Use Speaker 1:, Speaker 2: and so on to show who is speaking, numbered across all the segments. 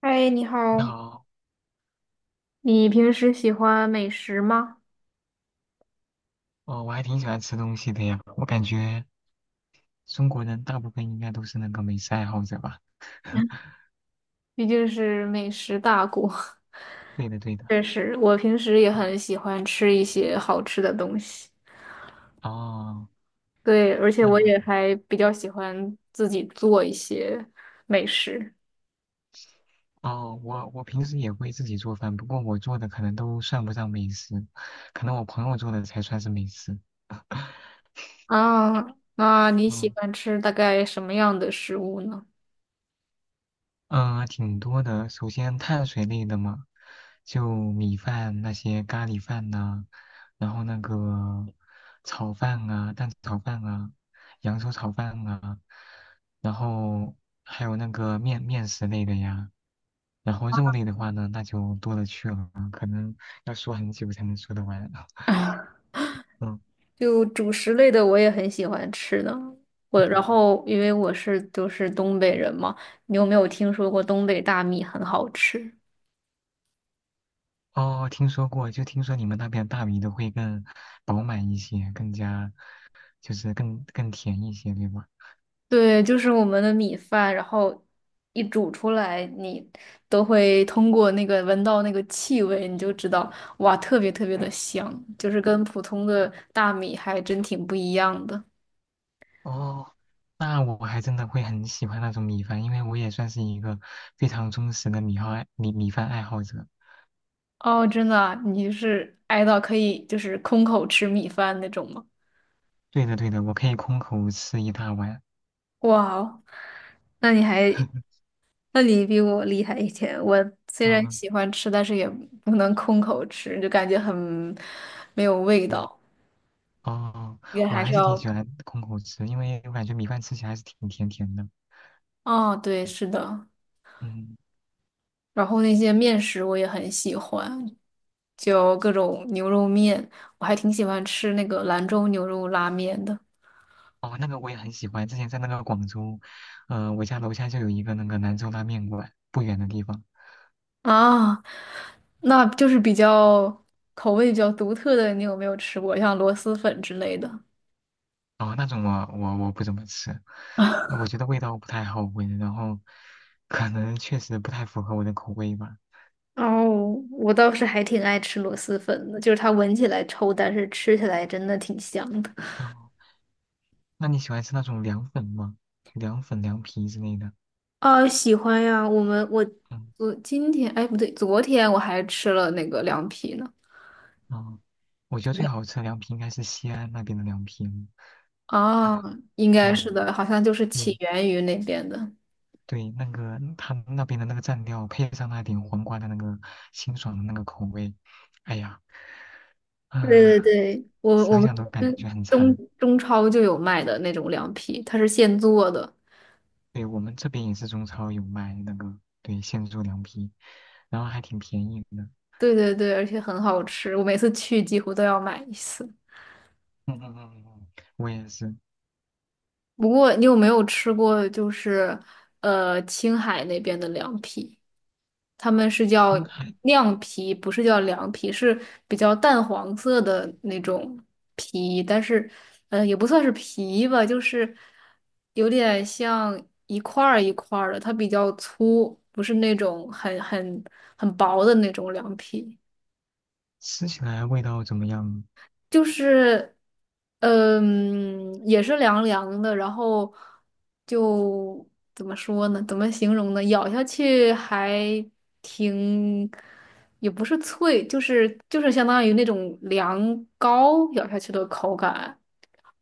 Speaker 1: 嗨，你
Speaker 2: 你
Speaker 1: 好，
Speaker 2: 好。
Speaker 1: 你平时喜欢美食吗？
Speaker 2: 哦，我还挺喜欢吃东西的呀。我感觉中国人大部分应该都是那个美食爱好者吧？
Speaker 1: 毕竟是美食大国。
Speaker 2: 对 的，对的。
Speaker 1: 确实，我平时也很喜欢吃一些好吃的东西。
Speaker 2: 哦，
Speaker 1: 对，而且我
Speaker 2: 那
Speaker 1: 也还比较喜欢自己做一些美食。
Speaker 2: 哦,我平时也会自己做饭，不过我做的可能都算不上美食，可能我朋友做的才算是美食。
Speaker 1: 啊，那你喜
Speaker 2: 嗯
Speaker 1: 欢吃大概什么样的食物呢？
Speaker 2: 挺多的。首先碳水类的嘛，就米饭那些咖喱饭呐、然后那个炒饭啊、蛋炒饭啊、扬州炒饭啊，然后还有那个面食类的呀。然后肉类的话呢，那就多了去了，可能要说很久才能说得完。嗯
Speaker 1: 就主食类的我也很喜欢吃的。我然
Speaker 2: 嗯。
Speaker 1: 后因为我是东北人嘛，你有没有听说过东北大米很好吃？
Speaker 2: 哦，听说过，就听说你们那边大米都会更饱满一些，更加就是更甜一些，对吧？
Speaker 1: 对，就是我们的米饭，然后一煮出来，你都会通过那个闻到那个气味，你就知道哇，特别特别的香，就是跟普通的大米还真挺不一样的。
Speaker 2: 哦，那我还真的会很喜欢那种米饭，因为我也算是一个非常忠实的米饭爱好者。
Speaker 1: 哦，真的啊？你就是爱到可以空口吃米饭那种吗？
Speaker 2: 对的对的，我可以空口吃一大碗。
Speaker 1: 哇哦，那你还 那你比我厉害一点。我虽然
Speaker 2: 嗯
Speaker 1: 喜欢吃，但是也不能空口吃，就感觉很没有味
Speaker 2: 嗯。
Speaker 1: 道，
Speaker 2: 哦，
Speaker 1: 也
Speaker 2: 我
Speaker 1: 还
Speaker 2: 还
Speaker 1: 是
Speaker 2: 是挺喜
Speaker 1: 要。
Speaker 2: 欢空口吃，因为我感觉米饭吃起来还是挺甜甜的。
Speaker 1: 哦，对，是的。
Speaker 2: 嗯。
Speaker 1: 然后那些面食我也很喜欢，就各种牛肉面，我还挺喜欢吃那个兰州牛肉拉面的。
Speaker 2: 哦，那个我也很喜欢，之前在那个广州，我家楼下就有一个那个兰州拉面馆，不远的地方。
Speaker 1: 啊，那就是比较比较独特的，你有没有吃过像螺蛳粉之类的？
Speaker 2: 哦，那种我我不怎么吃，
Speaker 1: 啊？
Speaker 2: 我觉得味道不太好闻，然后可能确实不太符合我的口味吧。
Speaker 1: 哦，我倒是还挺爱吃螺蛳粉的，就是它闻起来臭，但是吃起来真的挺香的。
Speaker 2: 哦，那你喜欢吃那种凉粉吗？凉粉、凉皮之类的。
Speaker 1: 啊，喜欢呀！我们我
Speaker 2: 嗯。
Speaker 1: 我今天哎不对，昨天我还吃了那个凉皮呢。
Speaker 2: 哦，我觉得最好吃的凉皮应该是西安那边的凉皮了。
Speaker 1: 啊，应该
Speaker 2: 嗯，
Speaker 1: 是的，好像就是起
Speaker 2: 对
Speaker 1: 源于那边的。
Speaker 2: 对，那个他那边的那个蘸料，配上那点黄瓜的那个清爽的那个口味，哎呀，
Speaker 1: 对对
Speaker 2: 啊、
Speaker 1: 对，我
Speaker 2: 想
Speaker 1: 们
Speaker 2: 想都
Speaker 1: 这
Speaker 2: 感
Speaker 1: 边
Speaker 2: 觉很馋。
Speaker 1: 中超就有卖的那种凉皮，它是现做的。
Speaker 2: 对，我们这边也是中超有卖那个，对，现做凉皮，然后还挺便宜的。
Speaker 1: 对对对，而且很好吃，我每次去几乎都要买一次。
Speaker 2: 嗯嗯嗯嗯，嗯，我也是。
Speaker 1: 不过你有没有吃过就是青海那边的凉皮？他们是叫
Speaker 2: 应该
Speaker 1: 酿皮，不是叫凉皮，是比较淡黄色的那种皮，但是也不算是皮吧，就是有点像一块儿一块儿的，它比较粗，不是那种很很薄的那种凉皮。
Speaker 2: 吃起来味道怎么样？
Speaker 1: 就是，也是凉凉的，然后就怎么说呢？怎么形容呢？咬下去还挺，也不是脆，就是相当于那种凉糕咬下去的口感。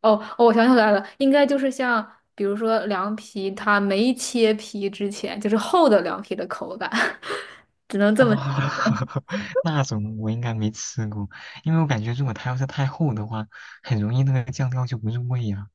Speaker 1: 哦，哦，我想起来了，应该就是像比如说凉皮，它没切皮之前，就是厚的凉皮的口感。
Speaker 2: 啊、那种我应该没吃过，因为我感觉如果它要是太厚的话，很容易那个酱料就不入味呀。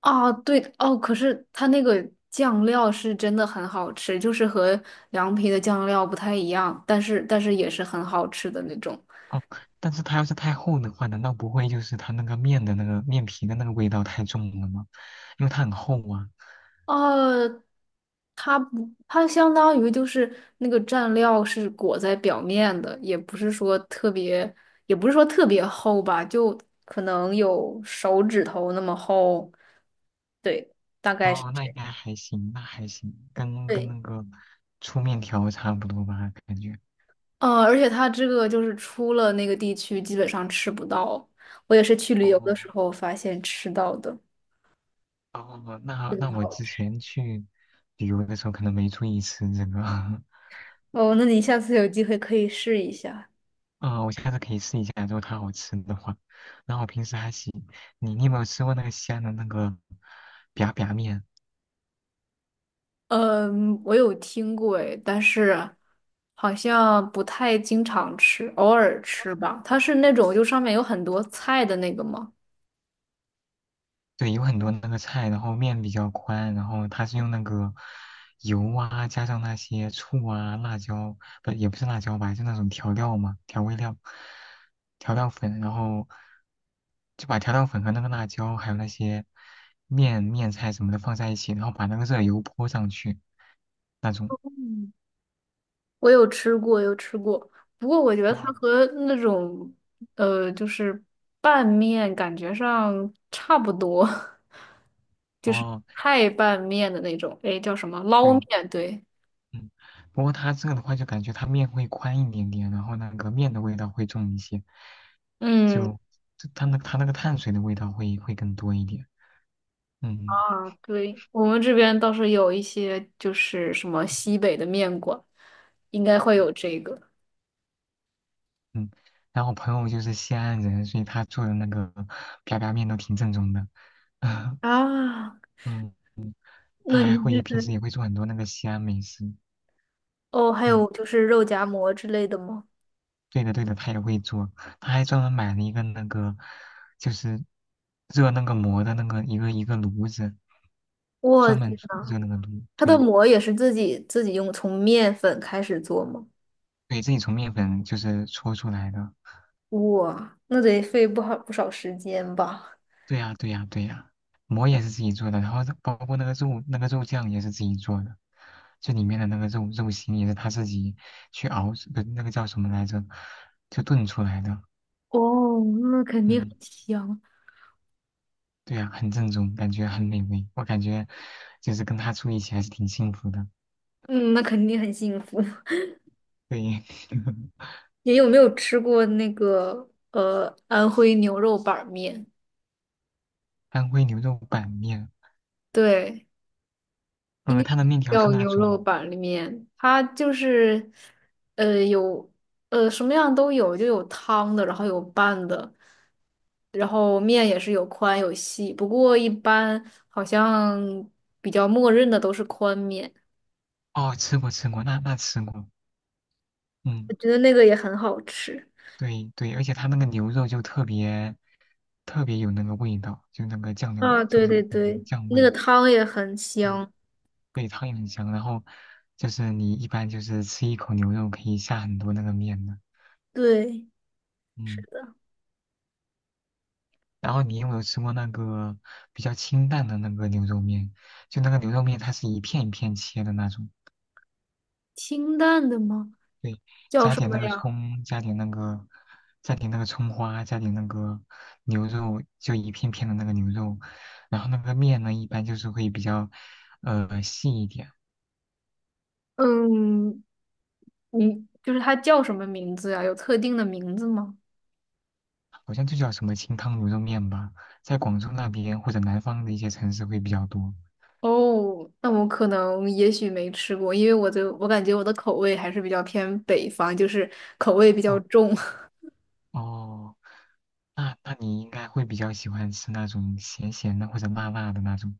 Speaker 1: 啊，对哦，可是它那个酱料是真的很好吃，就是和凉皮的酱料不太一样，但是也是很好吃的那种。
Speaker 2: 哦，但是它要是太厚的话，难道不会就是它那个面的那个面皮的那个味道太重了吗？因为它很厚啊。
Speaker 1: 呃，它不，它相当于就是那个蘸料是裹在表面的，也不是说特别，也不是说特别厚吧，就可能有手指头那么厚。对，大概是
Speaker 2: 哦，那
Speaker 1: 这
Speaker 2: 应
Speaker 1: 样。
Speaker 2: 该还行，那还行，跟
Speaker 1: 对，
Speaker 2: 那个粗面条差不多吧，感觉。
Speaker 1: 嗯，而且它这个就是出了那个地区，基本上吃不到。我也是去旅游的
Speaker 2: 哦，
Speaker 1: 时候发现吃到的。
Speaker 2: 哦，那那我之前去旅游的时候可能没注意吃这个。
Speaker 1: 哦，那你下次有机会可以试一下。
Speaker 2: 啊、我下次可以试一下，如果它好吃的话。然后我平时还行，你有没有吃过那个西安的那个 biang biang 面？
Speaker 1: 嗯，我有听过诶，但是好像不太经常吃，偶尔吃吧。它是那种就上面有很多菜的那个吗？
Speaker 2: 对，有很多那个菜，然后面比较宽，然后它是用那个油啊，加上那些醋啊、辣椒，不，也不是辣椒吧，就那种调料嘛，调味料、调料粉，然后就把调料粉和那个辣椒还有那些面菜什么的放在一起，然后把那个热油泼上去，那种。
Speaker 1: 嗯，我有吃过，有吃过。不过我觉得它
Speaker 2: 哦，
Speaker 1: 和那种呃，就是拌面感觉上差不多。
Speaker 2: 哦，
Speaker 1: 太拌面的那种，诶，叫什么捞
Speaker 2: 对。
Speaker 1: 面？对，
Speaker 2: 嗯，不过他这个的话，就感觉他面会宽一点点，然后那个面的味道会重一些，
Speaker 1: 嗯，
Speaker 2: 就他那个碳水的味道会更多一点。嗯
Speaker 1: 啊，对，我们这边倒是有一些就是什么西北的面馆，应该会
Speaker 2: 嗯
Speaker 1: 有这个。
Speaker 2: 嗯。然后我朋友就是西安人，所以他做的那个啪啪面都挺正宗的。
Speaker 1: 啊，
Speaker 2: 嗯，他
Speaker 1: 那
Speaker 2: 还
Speaker 1: 你
Speaker 2: 会平
Speaker 1: 是
Speaker 2: 时也会做很多那个西安美食。
Speaker 1: 哦，还
Speaker 2: 嗯。
Speaker 1: 有就是肉夹馍之类的吗？
Speaker 2: 对的，对的，他也会做，他还专门买了一个那个，就是热那个馍的那个一个炉子，
Speaker 1: 我
Speaker 2: 专门
Speaker 1: 天
Speaker 2: 做
Speaker 1: 呐，
Speaker 2: 热那个炉，
Speaker 1: 它的
Speaker 2: 对。
Speaker 1: 馍也是自己用从面粉开始做吗？
Speaker 2: 对，自己从面粉就是搓出来的。
Speaker 1: 哇，那得费不少时间吧？
Speaker 2: 对呀，对呀，对呀，馍也是自己做的，然后包括那个肉酱也是自己做的，这里面的那个肉心也是他自己去熬，不，那个叫什么来着，就炖出来的。
Speaker 1: 哦，那肯定很
Speaker 2: 嗯。
Speaker 1: 香，
Speaker 2: 对呀，很正宗，感觉很美味。我感觉就是跟他住一起还是挺幸福的。
Speaker 1: 嗯，那肯定很幸福。
Speaker 2: 对。
Speaker 1: 你有没有吃过那个安徽牛肉板面？
Speaker 2: 安徽牛肉板面，
Speaker 1: 对，应
Speaker 2: 呃，
Speaker 1: 该
Speaker 2: 它的 面条是
Speaker 1: 叫
Speaker 2: 那
Speaker 1: 牛肉
Speaker 2: 种，
Speaker 1: 板面。它就是呃有呃什么样都有，就有汤的，然后有拌的，然后面也是有宽有细。不过一般好像比较默认的都是宽面，
Speaker 2: 哦，吃过吃过，那那吃过。嗯，
Speaker 1: 我觉得那个也很好吃。
Speaker 2: 对对，而且它那个牛肉就特别特别有那个味道，就那个酱料，
Speaker 1: 啊，
Speaker 2: 就
Speaker 1: 对
Speaker 2: 那
Speaker 1: 对对，
Speaker 2: 个酱
Speaker 1: 那个
Speaker 2: 味，
Speaker 1: 汤也很
Speaker 2: 对
Speaker 1: 香。
Speaker 2: 对，汤也很香。然后就是你一般就是吃一口牛肉可以下很多那个面的。
Speaker 1: 对，是
Speaker 2: 嗯。
Speaker 1: 的，
Speaker 2: 然后你有没有吃过那个比较清淡的那个牛肉面？就那个牛肉面它是一片一片切的那种。
Speaker 1: 清淡的吗？
Speaker 2: 对，
Speaker 1: 叫
Speaker 2: 加
Speaker 1: 什
Speaker 2: 点
Speaker 1: 么
Speaker 2: 那个
Speaker 1: 呀？
Speaker 2: 葱，加点那个，加点那个葱花，加点那个牛肉，就一片片的那个牛肉。然后那个面呢，一般就是会比较，呃，细一点，
Speaker 1: 嗯，你就是它叫什么名字呀？有特定的名字吗？
Speaker 2: 好像就叫什么清汤牛肉面吧，在广州那边或者南方的一些城市会比较多。
Speaker 1: 哦，那我可能也许没吃过，因为我感觉我的口味还是比较偏北方，就是口味比较
Speaker 2: 哦，
Speaker 1: 重。
Speaker 2: 哦，那那你应该会比较喜欢吃那种咸咸的或者辣辣的那种。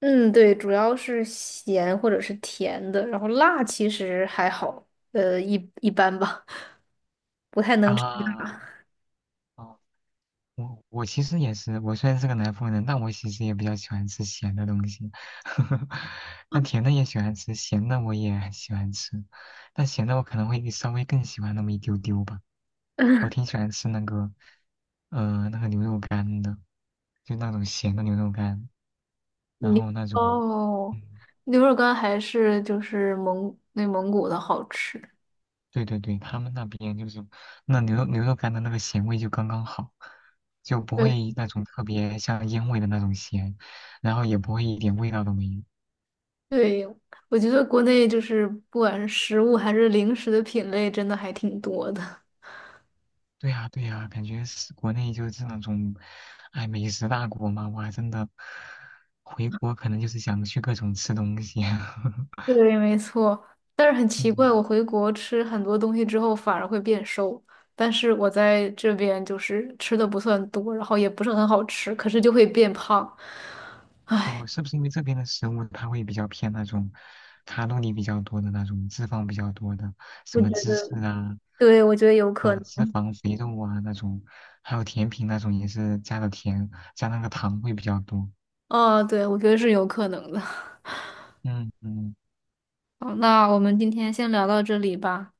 Speaker 1: 嗯，对，主要是咸或者是甜的，然后辣其实还好，一一般吧，不太能吃
Speaker 2: 啊。
Speaker 1: 辣。
Speaker 2: 哦，我其实也是，我虽然是个南方人，但我其实也比较喜欢吃咸的东西。那甜的也喜欢吃，咸的我也很喜欢吃，但咸的我可能会稍微更喜欢那么一丢丢吧。我 挺喜欢吃那个，呃，那个牛肉干的，就那种咸的牛肉干，然
Speaker 1: 你
Speaker 2: 后那种，
Speaker 1: 哦，
Speaker 2: 嗯，
Speaker 1: 牛肉干还是就是内蒙古的好吃。
Speaker 2: 对对对，他们那边就是那牛肉干的那个咸味就刚刚好，就不
Speaker 1: 对。
Speaker 2: 会那种特别像烟味的那种咸，然后也不会一点味道都没有。
Speaker 1: 对，我觉得国内就是不管是食物还是零食的品类，真的还挺多的。
Speaker 2: 对呀，对呀，感觉是国内就是那种，哎，美食大国嘛，哇，真的，回国可能就是想去各种吃东西。
Speaker 1: 对，没错。但是很奇怪，
Speaker 2: 嗯。
Speaker 1: 我回国吃很多东西之后反而会变瘦，但是我在这边就是吃的不算多，然后也不是很好吃，可是就会变胖。
Speaker 2: 哦，是不是因为这边的食物它会比较偏那种卡路里比较多的那种，脂肪比较多的，
Speaker 1: 我
Speaker 2: 什
Speaker 1: 觉
Speaker 2: 么芝
Speaker 1: 得，
Speaker 2: 士啊，
Speaker 1: 对，我觉得有
Speaker 2: 呃，
Speaker 1: 可能。
Speaker 2: 脂肪、肥肉啊那种，还有甜品那种也是加的甜，加那个糖会比较多。
Speaker 1: 哦，对，我觉得是有可能的。
Speaker 2: 嗯嗯。
Speaker 1: 好，那我们今天先聊到这里吧。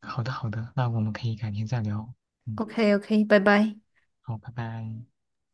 Speaker 2: 好的好的，那我们可以改天再聊。嗯，
Speaker 1: OK，OK，拜拜。
Speaker 2: 好，拜拜。